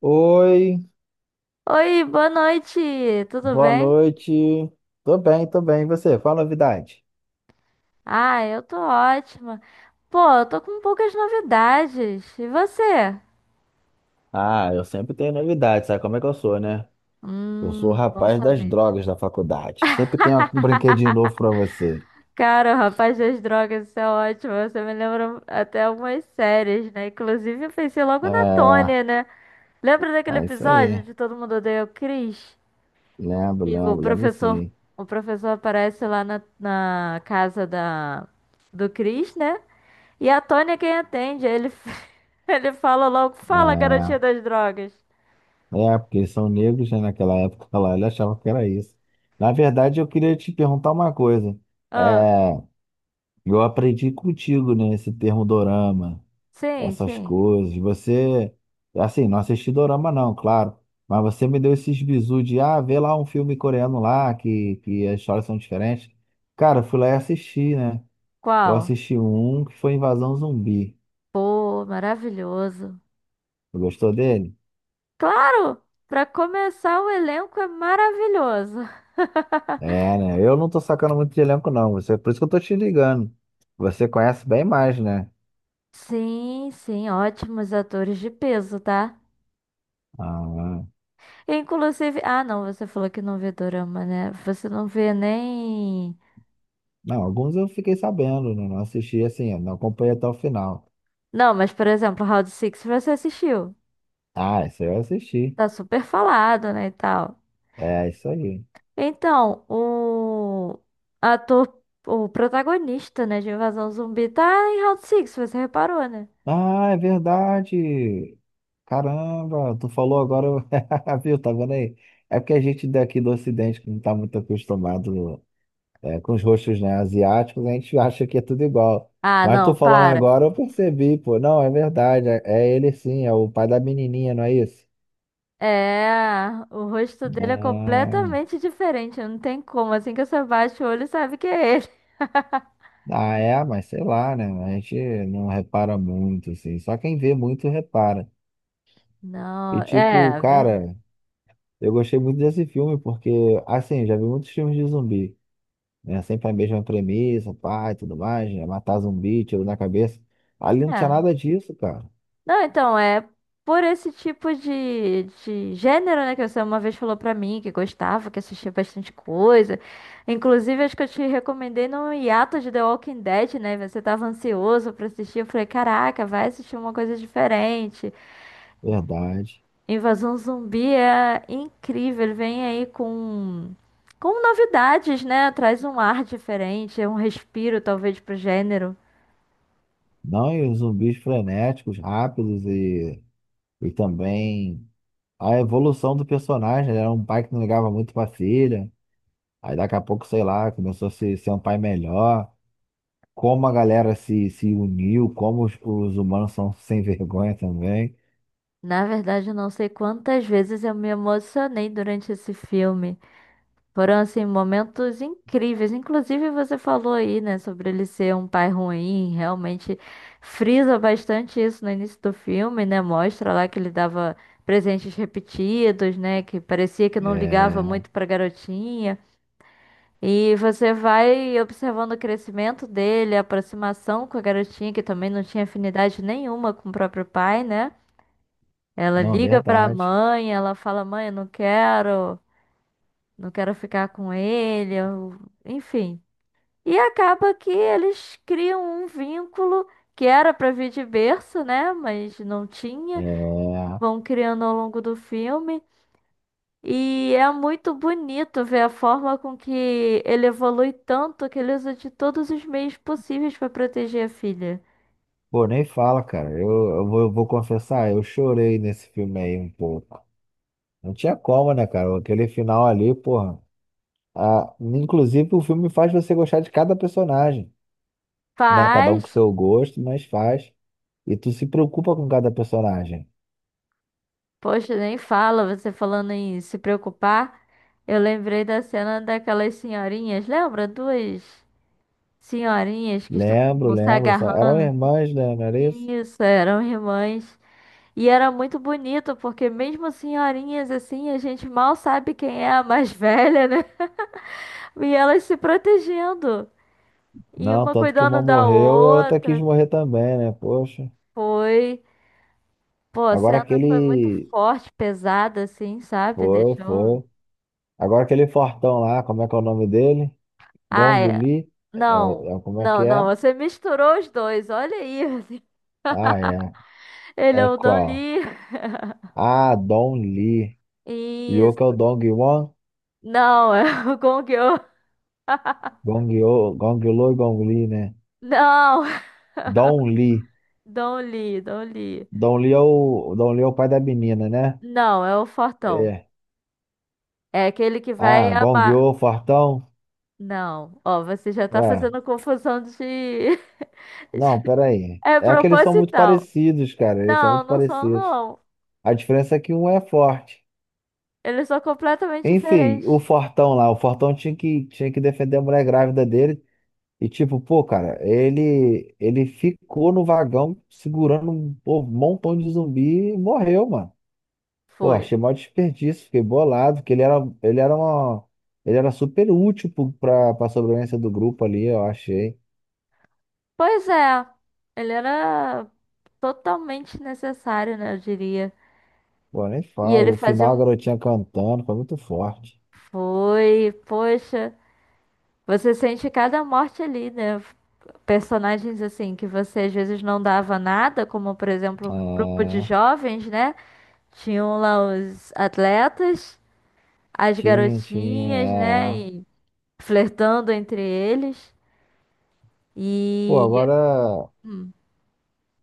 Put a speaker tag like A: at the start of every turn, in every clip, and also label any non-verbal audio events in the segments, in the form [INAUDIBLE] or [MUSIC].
A: Oi,
B: Oi, boa noite, tudo
A: boa
B: bem?
A: noite. Tô bem, tô bem. E você? Fala novidade.
B: Ah, eu tô ótima. Pô, eu tô com poucas novidades. E você?
A: Ah, eu sempre tenho novidade, sabe como é que eu sou, né? Eu sou o
B: Bom
A: rapaz das
B: saber.
A: drogas da faculdade. Sempre tenho um brinquedinho novo pra você.
B: Cara, o Rapaz das Drogas, isso é ótimo. Você me lembra até algumas séries, né? Inclusive, eu pensei logo na
A: É,
B: Tônia, né? Lembra daquele
A: é isso aí.
B: episódio de Todo Mundo Odeia o Chris?
A: Lembro,
B: E
A: lembro, lembro sim.
B: o professor aparece lá na casa da, do Chris, né? E a Tônia é quem atende. Aí ele, [LAUGHS] ele fala logo: Fala, garotinha
A: É,
B: das drogas.
A: é, porque eles são negros, né? Naquela época lá, ele achava que era isso. Na verdade, eu queria te perguntar uma coisa.
B: Ah,
A: É, eu aprendi contigo, né? Esse termo dorama.
B: sim,
A: Essas
B: sim.
A: coisas. Você, assim, não assisti dorama não, claro, mas você me deu esses bizu de, ah, vê lá um filme coreano lá, que as histórias são diferentes. Cara, eu fui lá e assisti, né? Eu
B: Qual?
A: assisti um que foi Invasão Zumbi.
B: Pô, maravilhoso.
A: Você gostou dele?
B: Claro! Pra começar, o elenco é maravilhoso. [LAUGHS]
A: É, né? Eu não tô sacando muito de elenco, não. Você, por isso que eu tô te ligando. Você conhece bem mais, né?
B: Sim, sim, ótimos atores de peso, tá?
A: Ah,
B: Inclusive, ah, não, você falou que não vê dorama, né? Você não vê nem.
A: não, alguns eu fiquei sabendo, né? Não assisti assim, não acompanhei até o final.
B: Não, mas por exemplo, Round Six você assistiu.
A: Ah, isso aí eu assisti.
B: Tá super falado, né, e tal.
A: É, isso aí.
B: Então, o ator, o protagonista, né, de Invasão Zumbi tá em Round Six, você reparou, né?
A: Ah, é verdade. Caramba, tu falou agora, [LAUGHS] viu? Tá vendo aí? É porque a gente daqui do Ocidente, que não tá muito acostumado com os rostos, né, asiáticos, a gente [LAUGHS] acha que é tudo igual.
B: Ah,
A: Mas tu
B: não,
A: falando
B: para.
A: agora, eu percebi, pô. Não, é verdade. É, é ele sim, é o pai da menininha, não é isso?
B: É, o rosto dele é
A: Não.
B: completamente diferente, não tem como. Assim que você baixa o olho, sabe que é ele. [LAUGHS]
A: Ah, é, mas sei lá, né? A gente não repara muito, assim. Só quem vê muito repara. E
B: Não,
A: tipo,
B: é, verdade.
A: cara. Eu gostei muito desse filme porque, assim, eu já vi muitos filmes de zumbi, né? Sempre a mesma premissa, pai, tudo mais, né? Matar zumbi, tiro na cabeça. Ali não tinha
B: É.
A: nada disso, cara.
B: Não, então, é por esse tipo de gênero, né? Que você uma vez falou pra mim que gostava, que assistia bastante coisa. Inclusive, acho que eu te recomendei no hiato de The Walking Dead, né? Você tava ansioso pra assistir. Eu falei, caraca, vai assistir uma coisa diferente.
A: Verdade.
B: Invasão Zumbi é incrível. Ele vem aí com novidades, né? Traz um ar diferente, é um respiro, talvez, pro gênero.
A: Não, e os zumbis frenéticos, rápidos e também a evolução do personagem. Ele era um pai que não ligava muito pra filha. Aí daqui a pouco, sei lá, começou a ser um pai melhor. Como a galera se uniu, como os humanos são [LAUGHS] sem vergonha também.
B: Na verdade, eu não sei quantas vezes eu me emocionei durante esse filme. Foram, assim, momentos incríveis. Inclusive, você falou aí, né, sobre ele ser um pai ruim. Realmente frisa bastante isso no início do filme, né? Mostra lá que ele dava presentes repetidos, né? Que parecia que não ligava
A: É.
B: muito pra garotinha. E você vai observando o crescimento dele, a aproximação com a garotinha, que também não tinha afinidade nenhuma com o próprio pai, né? Ela
A: Não,
B: liga pra
A: verdade.
B: mãe, ela fala: Mãe, eu não quero ficar com ele, eu- enfim. E acaba que eles criam um vínculo que era pra vir de berço, né? Mas não tinha,
A: É...
B: vão criando ao longo do filme. E é muito bonito ver a forma com que ele evolui tanto que ele usa de todos os meios possíveis pra proteger a filha.
A: Pô, nem fala, cara. Eu vou confessar, eu chorei nesse filme aí um pouco. Não tinha como, né, cara? Aquele final ali, porra. Ah, inclusive, o filme faz você gostar de cada personagem, né? Cada um com
B: Faz,
A: seu gosto, mas faz. E tu se preocupa com cada personagem.
B: poxa, nem fala, você falando em se preocupar. Eu lembrei da cena daquelas senhorinhas, lembra? Duas. Senhorinhas que
A: Lembro,
B: estavam se
A: lembro. Só...
B: agarrando.
A: Eram irmãs, né? Não era isso?
B: Isso, eram irmãs. E era muito bonito, porque mesmo senhorinhas assim, a gente mal sabe quem é a mais velha, né? [LAUGHS] E elas se protegendo. E
A: Não,
B: uma
A: tanto que uma
B: cuidando da
A: morreu e a outra quis
B: outra.
A: morrer também, né? Poxa.
B: Foi. Pô, a
A: Agora
B: cena foi muito
A: aquele.
B: forte, pesada, assim, sabe?
A: Foi,
B: Deixou.
A: foi. Agora aquele fortão lá, como é que é o nome dele?
B: Ah,
A: Gong
B: é.
A: Li? É,
B: Não,
A: é, como é que
B: não, não.
A: é?
B: Você misturou os dois. Olha aí. [LAUGHS]
A: Ah, é.
B: Ele é
A: É
B: o Don
A: qual?
B: Lee.
A: Ah, Don Li. Que é o
B: Isso.
A: Dong Wan,
B: Não, [LAUGHS] é o Gong Yoo. [LAUGHS]
A: Gong Yo, Gong Lo e Gong Li, né?
B: Não, [LAUGHS]
A: Don Li.
B: Don Lee, Don Lee.
A: Don Li é o pai da menina, né?
B: Não, é o Fortão.
A: É.
B: É aquele que vai
A: Ah, Gong
B: amar.
A: Yo, fortão.
B: Não, ó, você já tá
A: Ué,
B: fazendo confusão de.
A: não,
B: [LAUGHS]
A: peraí.
B: É
A: É que eles são muito
B: proposital.
A: parecidos, cara. Eles são
B: Não,
A: muito
B: não são,
A: parecidos.
B: não.
A: A diferença é que um é forte.
B: Eles são completamente
A: Enfim, o
B: diferentes.
A: Fortão lá, o Fortão tinha que defender a mulher grávida dele. E tipo, pô, cara, ele ficou no vagão segurando um pô, um montão de zumbi e morreu, mano. Pô,
B: Foi.
A: achei maior desperdício, fiquei bolado, que ele era uma ele era super útil pro- pra para sobrevivência do grupo ali, eu achei.
B: Pois é, ele era totalmente necessário, né, eu diria.
A: Pô, nem
B: E
A: falo,
B: ele
A: o
B: fazia
A: final a
B: um.
A: garotinha cantando, foi muito forte.
B: Foi, poxa, você sente cada morte ali, né? Personagens assim que você às vezes não dava nada, como por exemplo, um grupo de
A: Ah,
B: jovens, né? Tinham lá os atletas, as
A: tinha.
B: garotinhas, né?
A: Ah.
B: E flertando entre eles.
A: Pô,
B: E
A: agora,
B: hum,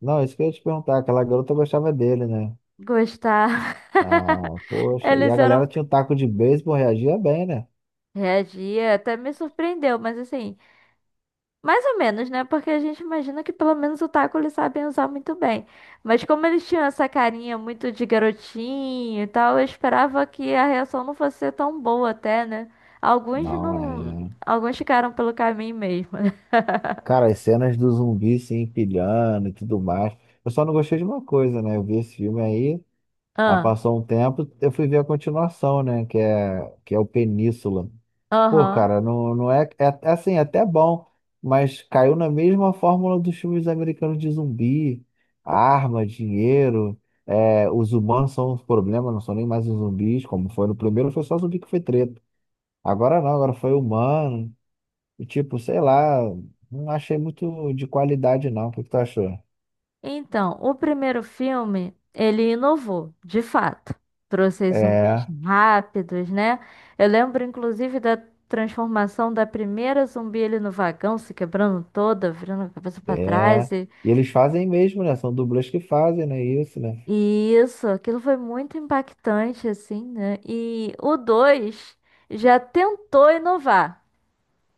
A: não, isso que eu ia te perguntar, aquela garota gostava dele, né?
B: gostar. [LAUGHS]
A: Ah, poxa, e a
B: Eles
A: galera
B: eram.
A: tinha um taco de beisebol, reagia bem, né?
B: Reagia, até me surpreendeu, mas assim, mais ou menos, né? Porque a gente imagina que pelo menos o taco eles sabem usar muito bem. Mas como eles tinham essa carinha muito de garotinho e tal, eu esperava que a reação não fosse ser tão boa até, né? Alguns
A: Não,
B: não.
A: é.
B: Alguns ficaram pelo caminho mesmo, né? [LAUGHS]
A: Cara, as cenas do zumbi se empilhando e tudo mais. Eu só não gostei de uma coisa, né? Eu vi esse filme aí, aí
B: Ah,
A: passou um tempo, eu fui ver a continuação, né? Que é o Península. Pô,
B: aham.
A: cara, não, não é, é. É assim, é até bom, mas caiu na mesma fórmula dos filmes americanos de zumbi: arma, dinheiro. É, os humanos são os problemas, não são nem mais os zumbis, como foi no primeiro, foi só zumbi que foi treta. Agora não, agora foi humano. E tipo, sei lá, não achei muito de qualidade não. O que que tu achou?
B: Então, o primeiro filme, ele inovou, de fato. Trouxe aí zumbis
A: É,
B: rápidos, né? Eu lembro, inclusive, da transformação da primeira zumbi ali no vagão, se quebrando toda, virando a cabeça para
A: é.
B: trás.
A: E eles fazem mesmo, né? São dublês que fazem, né? Isso, né?
B: E isso, aquilo foi muito impactante, assim, né? E o 2 já tentou inovar.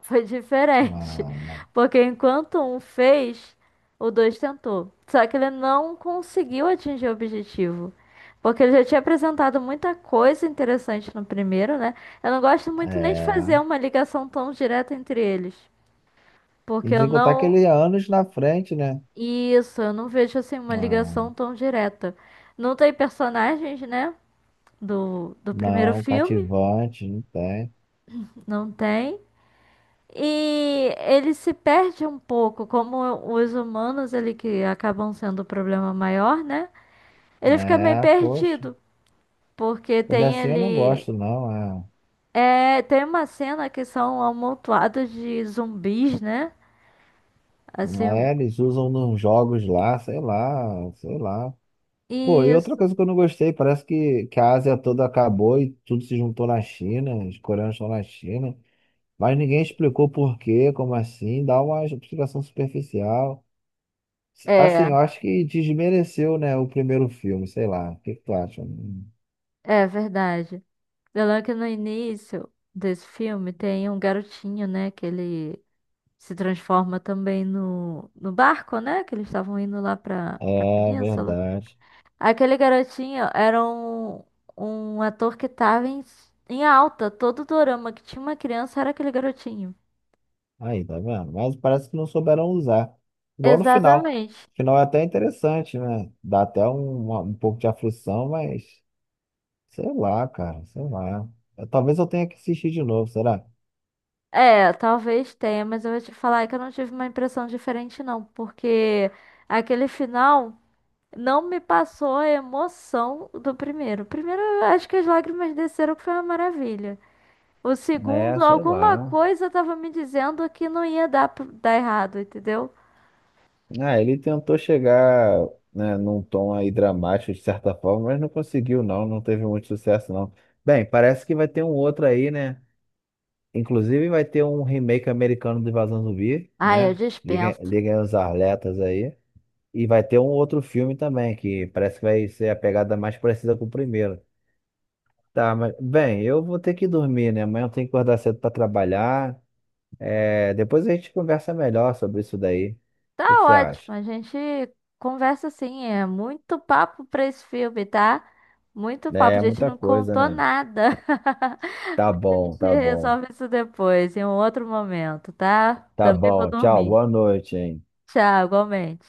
B: Foi diferente.
A: Ah,
B: Porque enquanto um fez, o dois tentou. Só que ele não conseguiu atingir o objetivo. Porque ele já tinha apresentado muita coisa interessante no primeiro, né? Eu não gosto muito nem de
A: é.
B: fazer uma ligação tão direta entre eles.
A: E
B: Porque eu
A: sem contar que
B: não.
A: ele é anos na frente, né?
B: Isso, eu não vejo assim uma
A: Ah,
B: ligação tão direta. Não tem personagens, né? Do primeiro
A: não,
B: filme,
A: cativante, não tem.
B: não tem. E ele se perde um pouco, como os humanos, ele que acabam sendo o problema maior, né? Ele fica meio
A: É, poxa.
B: perdido, porque
A: Quando é
B: tem
A: assim eu não
B: ele.
A: gosto, não.
B: É, tem uma cena que são amontoados de zumbis, né? Assim,
A: É,
B: um-
A: é, eles usam nos jogos lá, sei lá, sei lá. Pô, e outra
B: isso.
A: coisa que eu não gostei, parece que, a Ásia toda acabou e tudo se juntou na China, os coreanos estão na China, mas ninguém explicou por quê, como assim, dá uma explicação superficial. Assim,
B: É,
A: eu acho que desmereceu, né, o primeiro filme, sei lá, o que que tu acha? Hum.
B: é verdade. Eu lembro que no início desse filme tem um garotinho, né? Que ele se transforma também no barco, né? Que eles estavam indo lá pra, pra
A: É
B: península.
A: verdade.
B: Aquele garotinho era um, um ator que tava em alta. Todo dorama que tinha uma criança era aquele garotinho.
A: Aí, tá vendo? Mas parece que não souberam usar. Igual no final.
B: Exatamente.
A: O final é até interessante, né? Dá até um pouco de aflição, mas. Sei lá, cara, sei lá. Talvez eu tenha que assistir de novo, será?
B: É, talvez tenha, mas eu vou te falar que eu não tive uma impressão diferente, não, porque aquele final não me passou a emoção do primeiro. O primeiro, eu acho que as lágrimas desceram, que foi uma maravilha. O
A: É,
B: segundo,
A: sei
B: alguma
A: lá.
B: coisa tava me dizendo que não ia dar errado, entendeu?
A: Ah, ele tentou chegar, né, num tom aí dramático de certa forma, mas não conseguiu, não. Não teve muito sucesso, não. Bem, parece que vai ter um outro aí, né? Inclusive vai ter um remake americano do Invasão Zumbi,
B: Ai, eu
A: né? Liguem,
B: dispenso.
A: liguem os alertas aí. E vai ter um outro filme também, que parece que vai ser a pegada mais parecida com o primeiro. Tá, mas, bem, eu vou ter que dormir, né? Amanhã eu tenho que acordar cedo pra trabalhar. É, depois a gente conversa melhor sobre isso daí. O
B: Tá
A: que que você
B: ótimo,
A: acha?
B: a gente conversa assim, é muito papo pra esse filme, tá? Muito papo, a
A: É
B: gente
A: muita
B: não
A: coisa,
B: contou
A: né?
B: nada.
A: Tá
B: [LAUGHS] A
A: bom,
B: gente
A: tá bom.
B: resolve isso depois, em um outro momento, tá?
A: Tá
B: Também vou
A: bom. Tchau,
B: dormir.
A: boa noite, hein?
B: Tchau, igualmente.